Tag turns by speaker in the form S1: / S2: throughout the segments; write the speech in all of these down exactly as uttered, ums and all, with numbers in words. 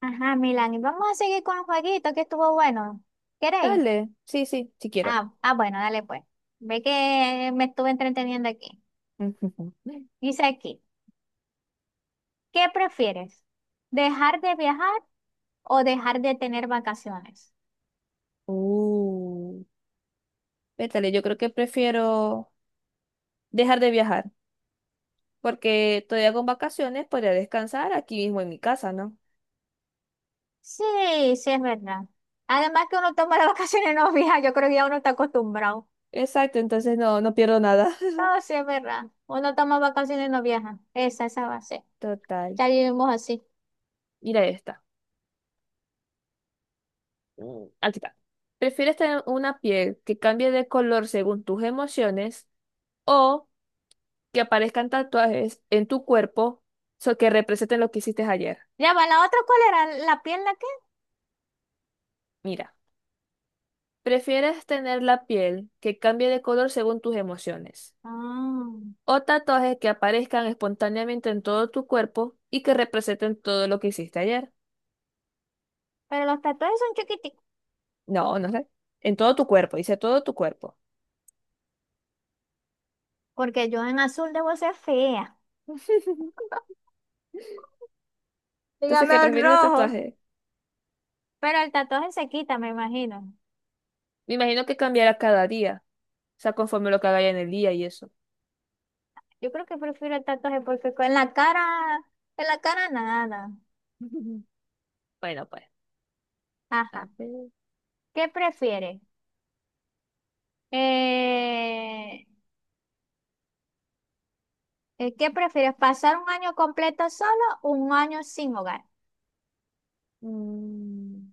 S1: Ajá, Milán, y vamos a seguir con el jueguito que estuvo bueno. ¿Queréis?
S2: Dale, sí, sí, sí quiero.
S1: Ah, ah, bueno, dale pues. Ve que me estuve entreteniendo aquí.
S2: Ujú.
S1: Dice aquí, ¿qué prefieres? ¿Dejar de viajar o dejar de tener vacaciones?
S2: Uh, vétale, yo creo que prefiero dejar de viajar, porque todavía con vacaciones podría descansar aquí mismo en mi casa, ¿no?
S1: Sí, sí, es verdad. Además que uno toma las vacaciones y no viaja, yo creo que ya uno está acostumbrado.
S2: Exacto, entonces no, no pierdo nada.
S1: No, sí, es verdad. Uno toma vacaciones y no viaja. Esa, esa va a ser.
S2: Total.
S1: Ya vivimos así.
S2: Mira esta. Mm, Aquí está. ¿Prefieres tener una piel que cambie de color según tus emociones o que aparezcan tatuajes en tu cuerpo so que representen lo que hiciste ayer?
S1: Ya va, la otra, ¿cuál era? ¿La pierna qué?
S2: Mira. ¿Prefieres tener la piel que cambie de color según tus emociones?
S1: Ah,
S2: ¿O tatuajes que aparezcan espontáneamente en todo tu cuerpo y que representen todo lo que hiciste ayer?
S1: pero los tatuajes son chiquiticos.
S2: No, no sé. En todo tu cuerpo, dice todo tu cuerpo.
S1: Porque yo en azul debo ser fea.
S2: Entonces,
S1: Dígame
S2: ¿qué
S1: un
S2: prefiero el
S1: rojo.
S2: tatuaje?
S1: Pero el tatuaje se quita, me imagino.
S2: Me imagino que cambiará cada día. O sea, conforme lo que haga en el día y eso.
S1: Yo creo que prefiero el tatuaje porque con- en la cara, en la cara nada.
S2: Bueno, pues. A
S1: Ajá.
S2: ver.
S1: ¿Qué prefieres? Eh, eh, ¿qué prefieres? ¿Pasar un año completo solo o un año sin hogar?
S2: mm,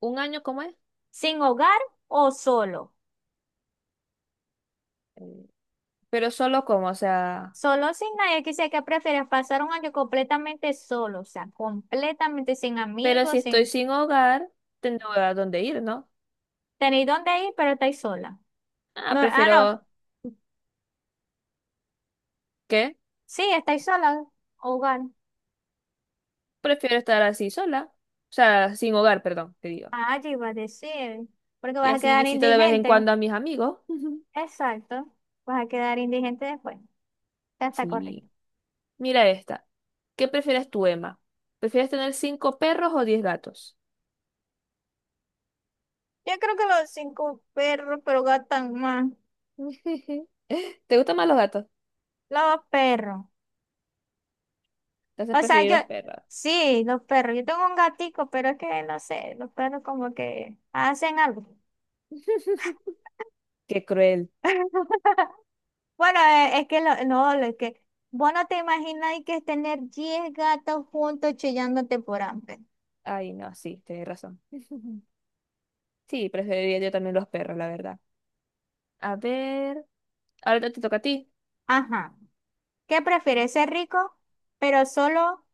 S2: ¿Un año cómo es?
S1: ¿Sin hogar o solo?
S2: Eh, Pero solo como, o sea.
S1: Solo sin nadie. Quisiera que prefieres pasar un año completamente solo, o sea, completamente sin
S2: Pero si
S1: amigos,
S2: estoy
S1: sin
S2: sin hogar, tendré a dónde ir, ¿no?
S1: tener dónde ir, pero estáis sola.
S2: Ah,
S1: No, ah,
S2: prefiero,
S1: no.
S2: ¿qué?
S1: Sí, estáis sola, hogar.
S2: Prefiero estar así sola. O sea, sin hogar, perdón, te digo.
S1: Ah, yo iba a decir, porque
S2: Y
S1: vas a
S2: así
S1: quedar
S2: visito de vez en
S1: indigente.
S2: cuando a mis amigos.
S1: Exacto, vas a quedar indigente después. Ya está correcto.
S2: Sí. Mira esta. ¿Qué prefieres tú, Emma? ¿Prefieres tener cinco perros o diez gatos?
S1: Yo creo que los cinco perros, pero gastan más.
S2: ¿Te gustan más los gatos?
S1: Los perros.
S2: Entonces
S1: O sea,
S2: preferir
S1: yo,
S2: los perros.
S1: sí, los perros. Yo tengo un gatico, pero es que no sé, los perros como que hacen algo.
S2: Qué cruel.
S1: Bueno, eh, es que lo- no, lo- es que vos no te imagináis que es tener diez gatos juntos chillándote por hambre.
S2: Ay, no, sí, tienes razón. Sí, preferiría yo también los perros, la verdad. A ver, ahora te toca a ti.
S1: Ajá. ¿Qué prefieres, ser rico, pero solo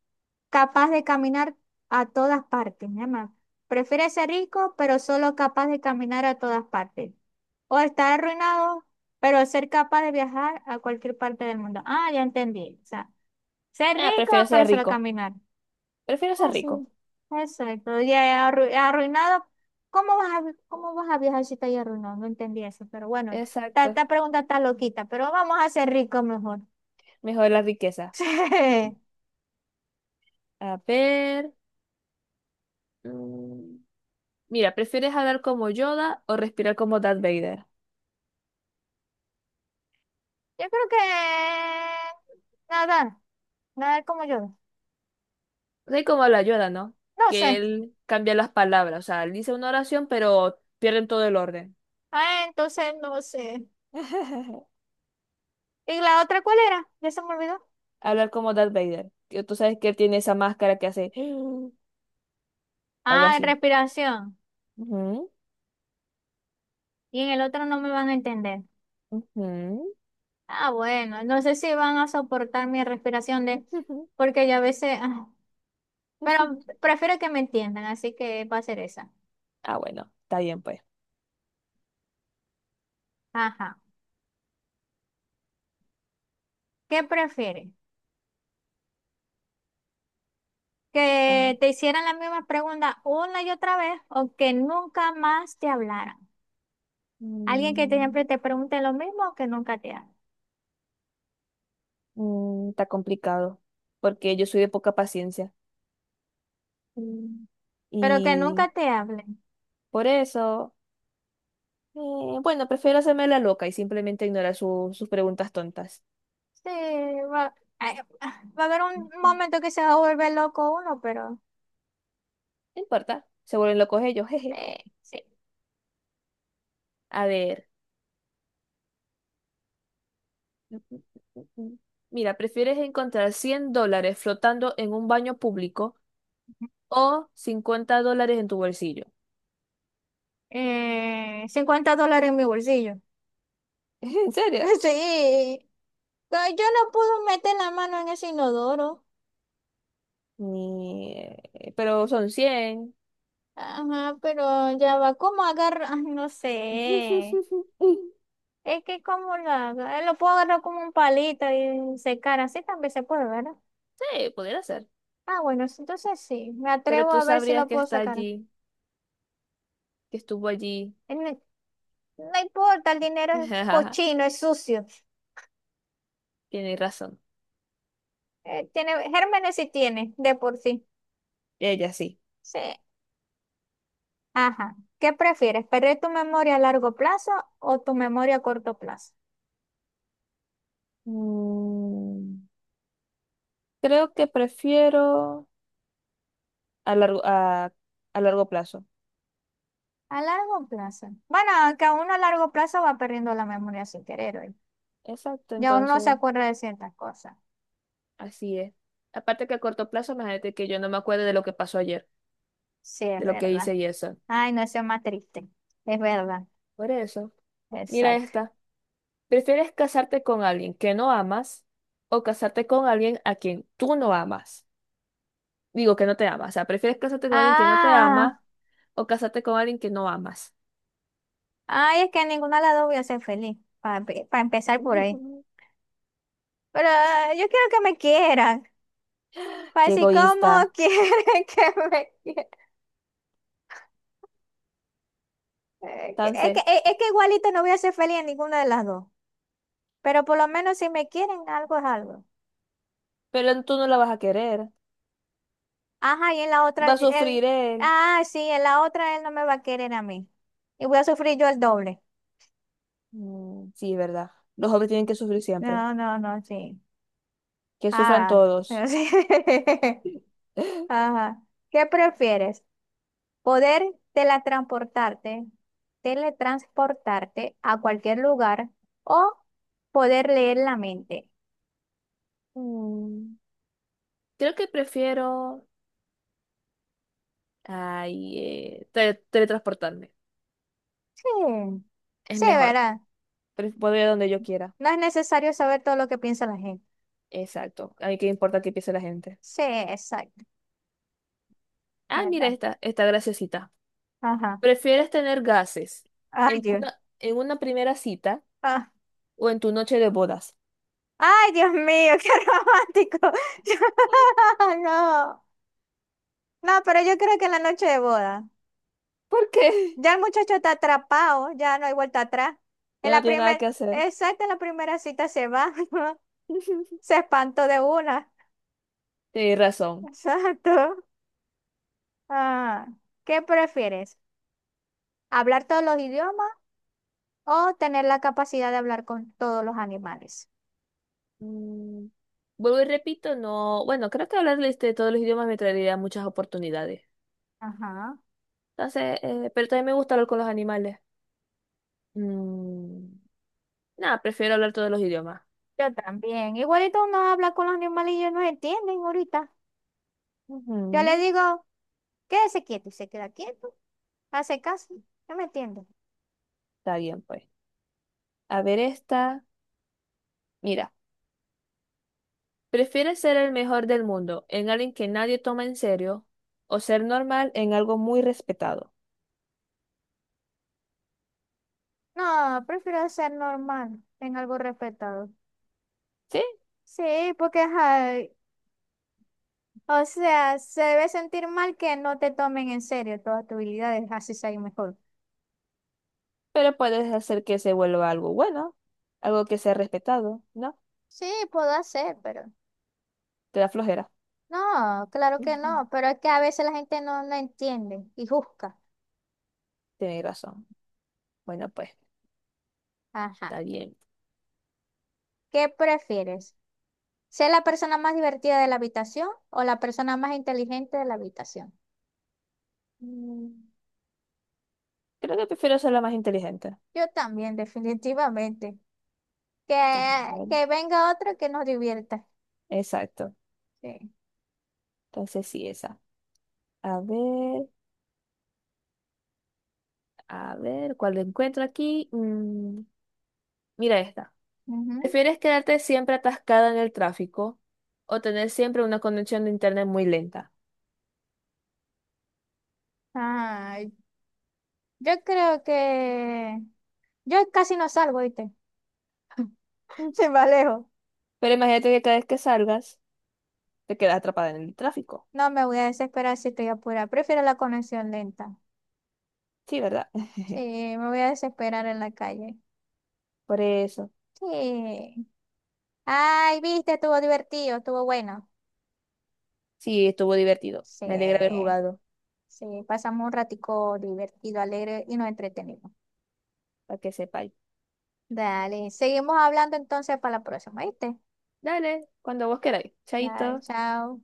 S1: capaz de caminar a todas partes? Mi mamá. ¿Prefieres ser rico, pero solo capaz de caminar a todas partes? ¿O estar arruinado, pero ser capaz de viajar a cualquier parte del mundo? Ah, ya entendí. O sea, ser
S2: Ah,
S1: rico,
S2: prefiero
S1: pero
S2: ser
S1: solo
S2: rico.
S1: caminar.
S2: Prefiero ser
S1: Ah, sí.
S2: rico.
S1: Exacto. Y arru- arruinado. ¿Cómo vas a, vi- cómo vas a viajar si estás arruinado? No entendí eso, pero bueno, esta,
S2: Exacto.
S1: esta pregunta está loquita, pero vamos a ser ricos mejor.
S2: Mejor la riqueza.
S1: Sí.
S2: A ver. mm, Mira, ¿prefieres hablar como Yoda o respirar como Darth Vader?
S1: Yo creo que nadar, nadar como yo.
S2: Sé cómo habla Yoda, ¿no?
S1: No sé.
S2: Que él cambia las palabras. O sea, él dice una oración, pero pierden todo el orden.
S1: Ah, entonces no sé. ¿Y la otra cuál era? Ya se me olvidó.
S2: Hablar como Darth Vader. Que tú sabes que él tiene esa máscara que hace algo
S1: Ah,
S2: así.
S1: respiración.
S2: Ujú,
S1: Y en el otro no me van a entender.
S2: ujú,
S1: Ah, bueno, no sé si van a soportar mi respiración de,
S2: ujú,
S1: porque yo a veces, ah, pero
S2: ujú.
S1: prefiero que me entiendan, así que va a ser esa.
S2: Ah, bueno, está bien, pues.
S1: Ajá. ¿Qué prefieres? ¿Que
S2: Ajá.
S1: te hicieran la misma pregunta una y otra vez o que nunca más te hablaran? Alguien que te- siempre
S2: Mm,
S1: te pregunte lo mismo o que nunca te hable.
S2: mm, está complicado, porque yo soy de poca paciencia.
S1: Mm. Pero que nunca
S2: Y
S1: te hable.
S2: por eso. Eh, bueno, prefiero hacerme la loca y simplemente ignorar su- sus preguntas tontas.
S1: Sí, va, ay, va a haber un
S2: Ujú.
S1: momento que se va a volver loco uno, pero
S2: No importa, se vuelven locos ellos, jeje.
S1: eh, sí.
S2: A ver. Mira, ¿prefieres encontrar cien dólares flotando en un baño público o cincuenta dólares en tu bolsillo?
S1: Eh, cincuenta dólares en mi bolsillo.
S2: ¿En serio?
S1: Sí. Pero yo no puedo meter la mano en ese inodoro.
S2: Ni- Pero son cien.
S1: Ajá, pero ya va. ¿Cómo agarrar? No sé. Es que cómo lo hago. Eh, Lo puedo agarrar como un palito y secar. Así también se puede, ¿verdad?
S2: Sí, pudiera ser.
S1: Ah, bueno, sí, entonces sí, me
S2: Pero
S1: atrevo
S2: tú
S1: a ver si
S2: sabrías
S1: lo
S2: que
S1: puedo
S2: está
S1: sacar.
S2: allí, que estuvo allí.
S1: Eh, No, no importa, el dinero es cochino, es sucio.
S2: Tienes razón.
S1: Eh, tiene, gérmenes sí tiene, de por sí.
S2: Ella sí.
S1: Sí. Ajá. ¿Qué prefieres? ¿Perder tu memoria a largo plazo o tu memoria a corto plazo?
S2: Mm. Creo que prefiero a largo, a, a largo plazo.
S1: A largo plazo. Bueno, aunque uno a largo plazo va perdiendo la memoria sin querer hoy.
S2: Exacto,
S1: Ya uno no se
S2: entonces,
S1: acuerda de ciertas cosas.
S2: así es. Aparte que a corto plazo, imagínate que yo no me acuerdo de lo que pasó ayer,
S1: Sí, es
S2: de lo que
S1: verdad.
S2: hice y eso.
S1: Ay, no, eso es más triste. Es verdad.
S2: Por eso, mira
S1: Exacto.
S2: esta. ¿Prefieres casarte con alguien que no amas o casarte con alguien a quien tú no amas? Digo que no te amas. O sea, ¿prefieres casarte con alguien que no te
S1: Ah.
S2: ama o casarte con alguien que no amas?
S1: Ay, es que a ninguna de las dos voy a ser feliz, para empezar por ahí. Pero ah, yo quiero que me quieran, para
S2: Qué
S1: decir cómo
S2: egoísta.
S1: quieren que me quieran. Eh, que- Es que,
S2: Entonces,
S1: es, es que igualito no voy a ser feliz en ninguna de las dos, pero por lo menos si me quieren, algo es algo.
S2: pero tú no la vas a querer.
S1: Ajá, y en la otra,
S2: Va a
S1: yo- él,
S2: sufrir él.
S1: ah, sí, en la otra él no me va a querer a mí. Y voy a sufrir yo el doble.
S2: Mm, sí, verdad. Los hombres tienen que sufrir siempre.
S1: No, no, no, sí.
S2: Que sufran
S1: Ah, sí,
S2: todos.
S1: sí. Ajá. ¿Qué prefieres? Poder teletransportarte, teletransportarte a cualquier lugar o poder leer la mente.
S2: Mm, creo que prefiero ay, eh, tele- teletransportarme.
S1: Sí,
S2: Es
S1: sí,
S2: mejor.
S1: ¿verdad?
S2: Pre- Puedo ir a donde yo quiera.
S1: No es necesario saber todo lo que piensa la gente.
S2: Exacto. A mí qué importa qué piense la gente.
S1: Sí, exacto,
S2: Ah, mira
S1: ¿verdad?
S2: esta, esta graciosita.
S1: Ajá.
S2: ¿Prefieres tener gases
S1: Ay,
S2: en
S1: Dios.
S2: una, en una primera cita
S1: Ah.
S2: o en tu noche de bodas?
S1: Ay, Dios mío, qué romántico. No, no, pero yo creo que en la noche de boda.
S2: ¿Por qué?
S1: Ya el muchacho está atrapado, ya no hay vuelta atrás. En
S2: Ya no
S1: la
S2: tiene nada
S1: primera,
S2: que hacer.
S1: exacto, en la primera cita se va. Se espantó de una.
S2: Tienes razón.
S1: Exacto. Ah, ¿qué prefieres? ¿Hablar todos los idiomas o tener la capacidad de hablar con todos los animales?
S2: Mm, vuelvo y repito, no, bueno, creo que hablar este, todos los idiomas me traería muchas oportunidades.
S1: Ajá.
S2: Entonces, eh, pero también me gusta hablar con los animales. Mm, nada, prefiero hablar todos los idiomas.
S1: Yo también. Igualito uno habla con los animales y ellos no entienden ahorita. Yo le
S2: Ujú.
S1: digo, quédese quieto y se queda quieto. Hace caso. No me entiende.
S2: Está bien, pues. A ver esta. Mira, ¿prefieres ser el mejor del mundo en alguien que nadie toma en serio o ser normal en algo muy respetado?
S1: No, prefiero ser normal, en algo respetado.
S2: Sí,
S1: Sí, porque, ay, o sea, se debe sentir mal que no te tomen en serio todas tus habilidades, así sea mejor.
S2: pero puedes hacer que se vuelva algo bueno, algo que sea respetado, ¿no?
S1: Sí, puedo hacer, pero
S2: Te da flojera.
S1: no, claro que
S2: Ujú.
S1: no, pero es que a veces la gente no, no entiende y juzga.
S2: Tienes razón. Bueno, pues.
S1: Ajá.
S2: Está bien.
S1: ¿Qué prefieres? ¿Ser la persona más divertida de la habitación o la persona más inteligente de la habitación?
S2: Mm, Creo que prefiero ser la más inteligente.
S1: Yo también, definitivamente. Que,
S2: Entonces,
S1: que venga otro que nos divierta.
S2: exacto.
S1: Sí.
S2: Entonces sí, esa. A ver, a ver, ¿cuál encuentro aquí? Mm, mira esta.
S1: Ujú.
S2: ¿Prefieres quedarte siempre atascada en el tráfico o tener siempre una conexión de internet muy lenta?
S1: Ay, yo creo que yo casi no salgo, ¿viste?
S2: Mm,
S1: Se me alejo.
S2: Pero imagínate que cada vez que salgas, te quedas atrapada en el tráfico.
S1: No me voy a desesperar si estoy apurada. Prefiero la conexión lenta.
S2: Sí, ¿verdad?
S1: Sí, me voy a desesperar en la calle.
S2: Por eso.
S1: Sí. Ay, viste, estuvo divertido, estuvo bueno.
S2: Sí, estuvo divertido. Me alegra haber
S1: Sí,
S2: jugado,
S1: sí, pasamos un ratico divertido, alegre y nos entretenimos.
S2: para que sepáis.
S1: Dale, seguimos hablando entonces para la próxima, ¿viste?
S2: Dale, cuando vos queráis.
S1: Dale,
S2: Chaito.
S1: chao.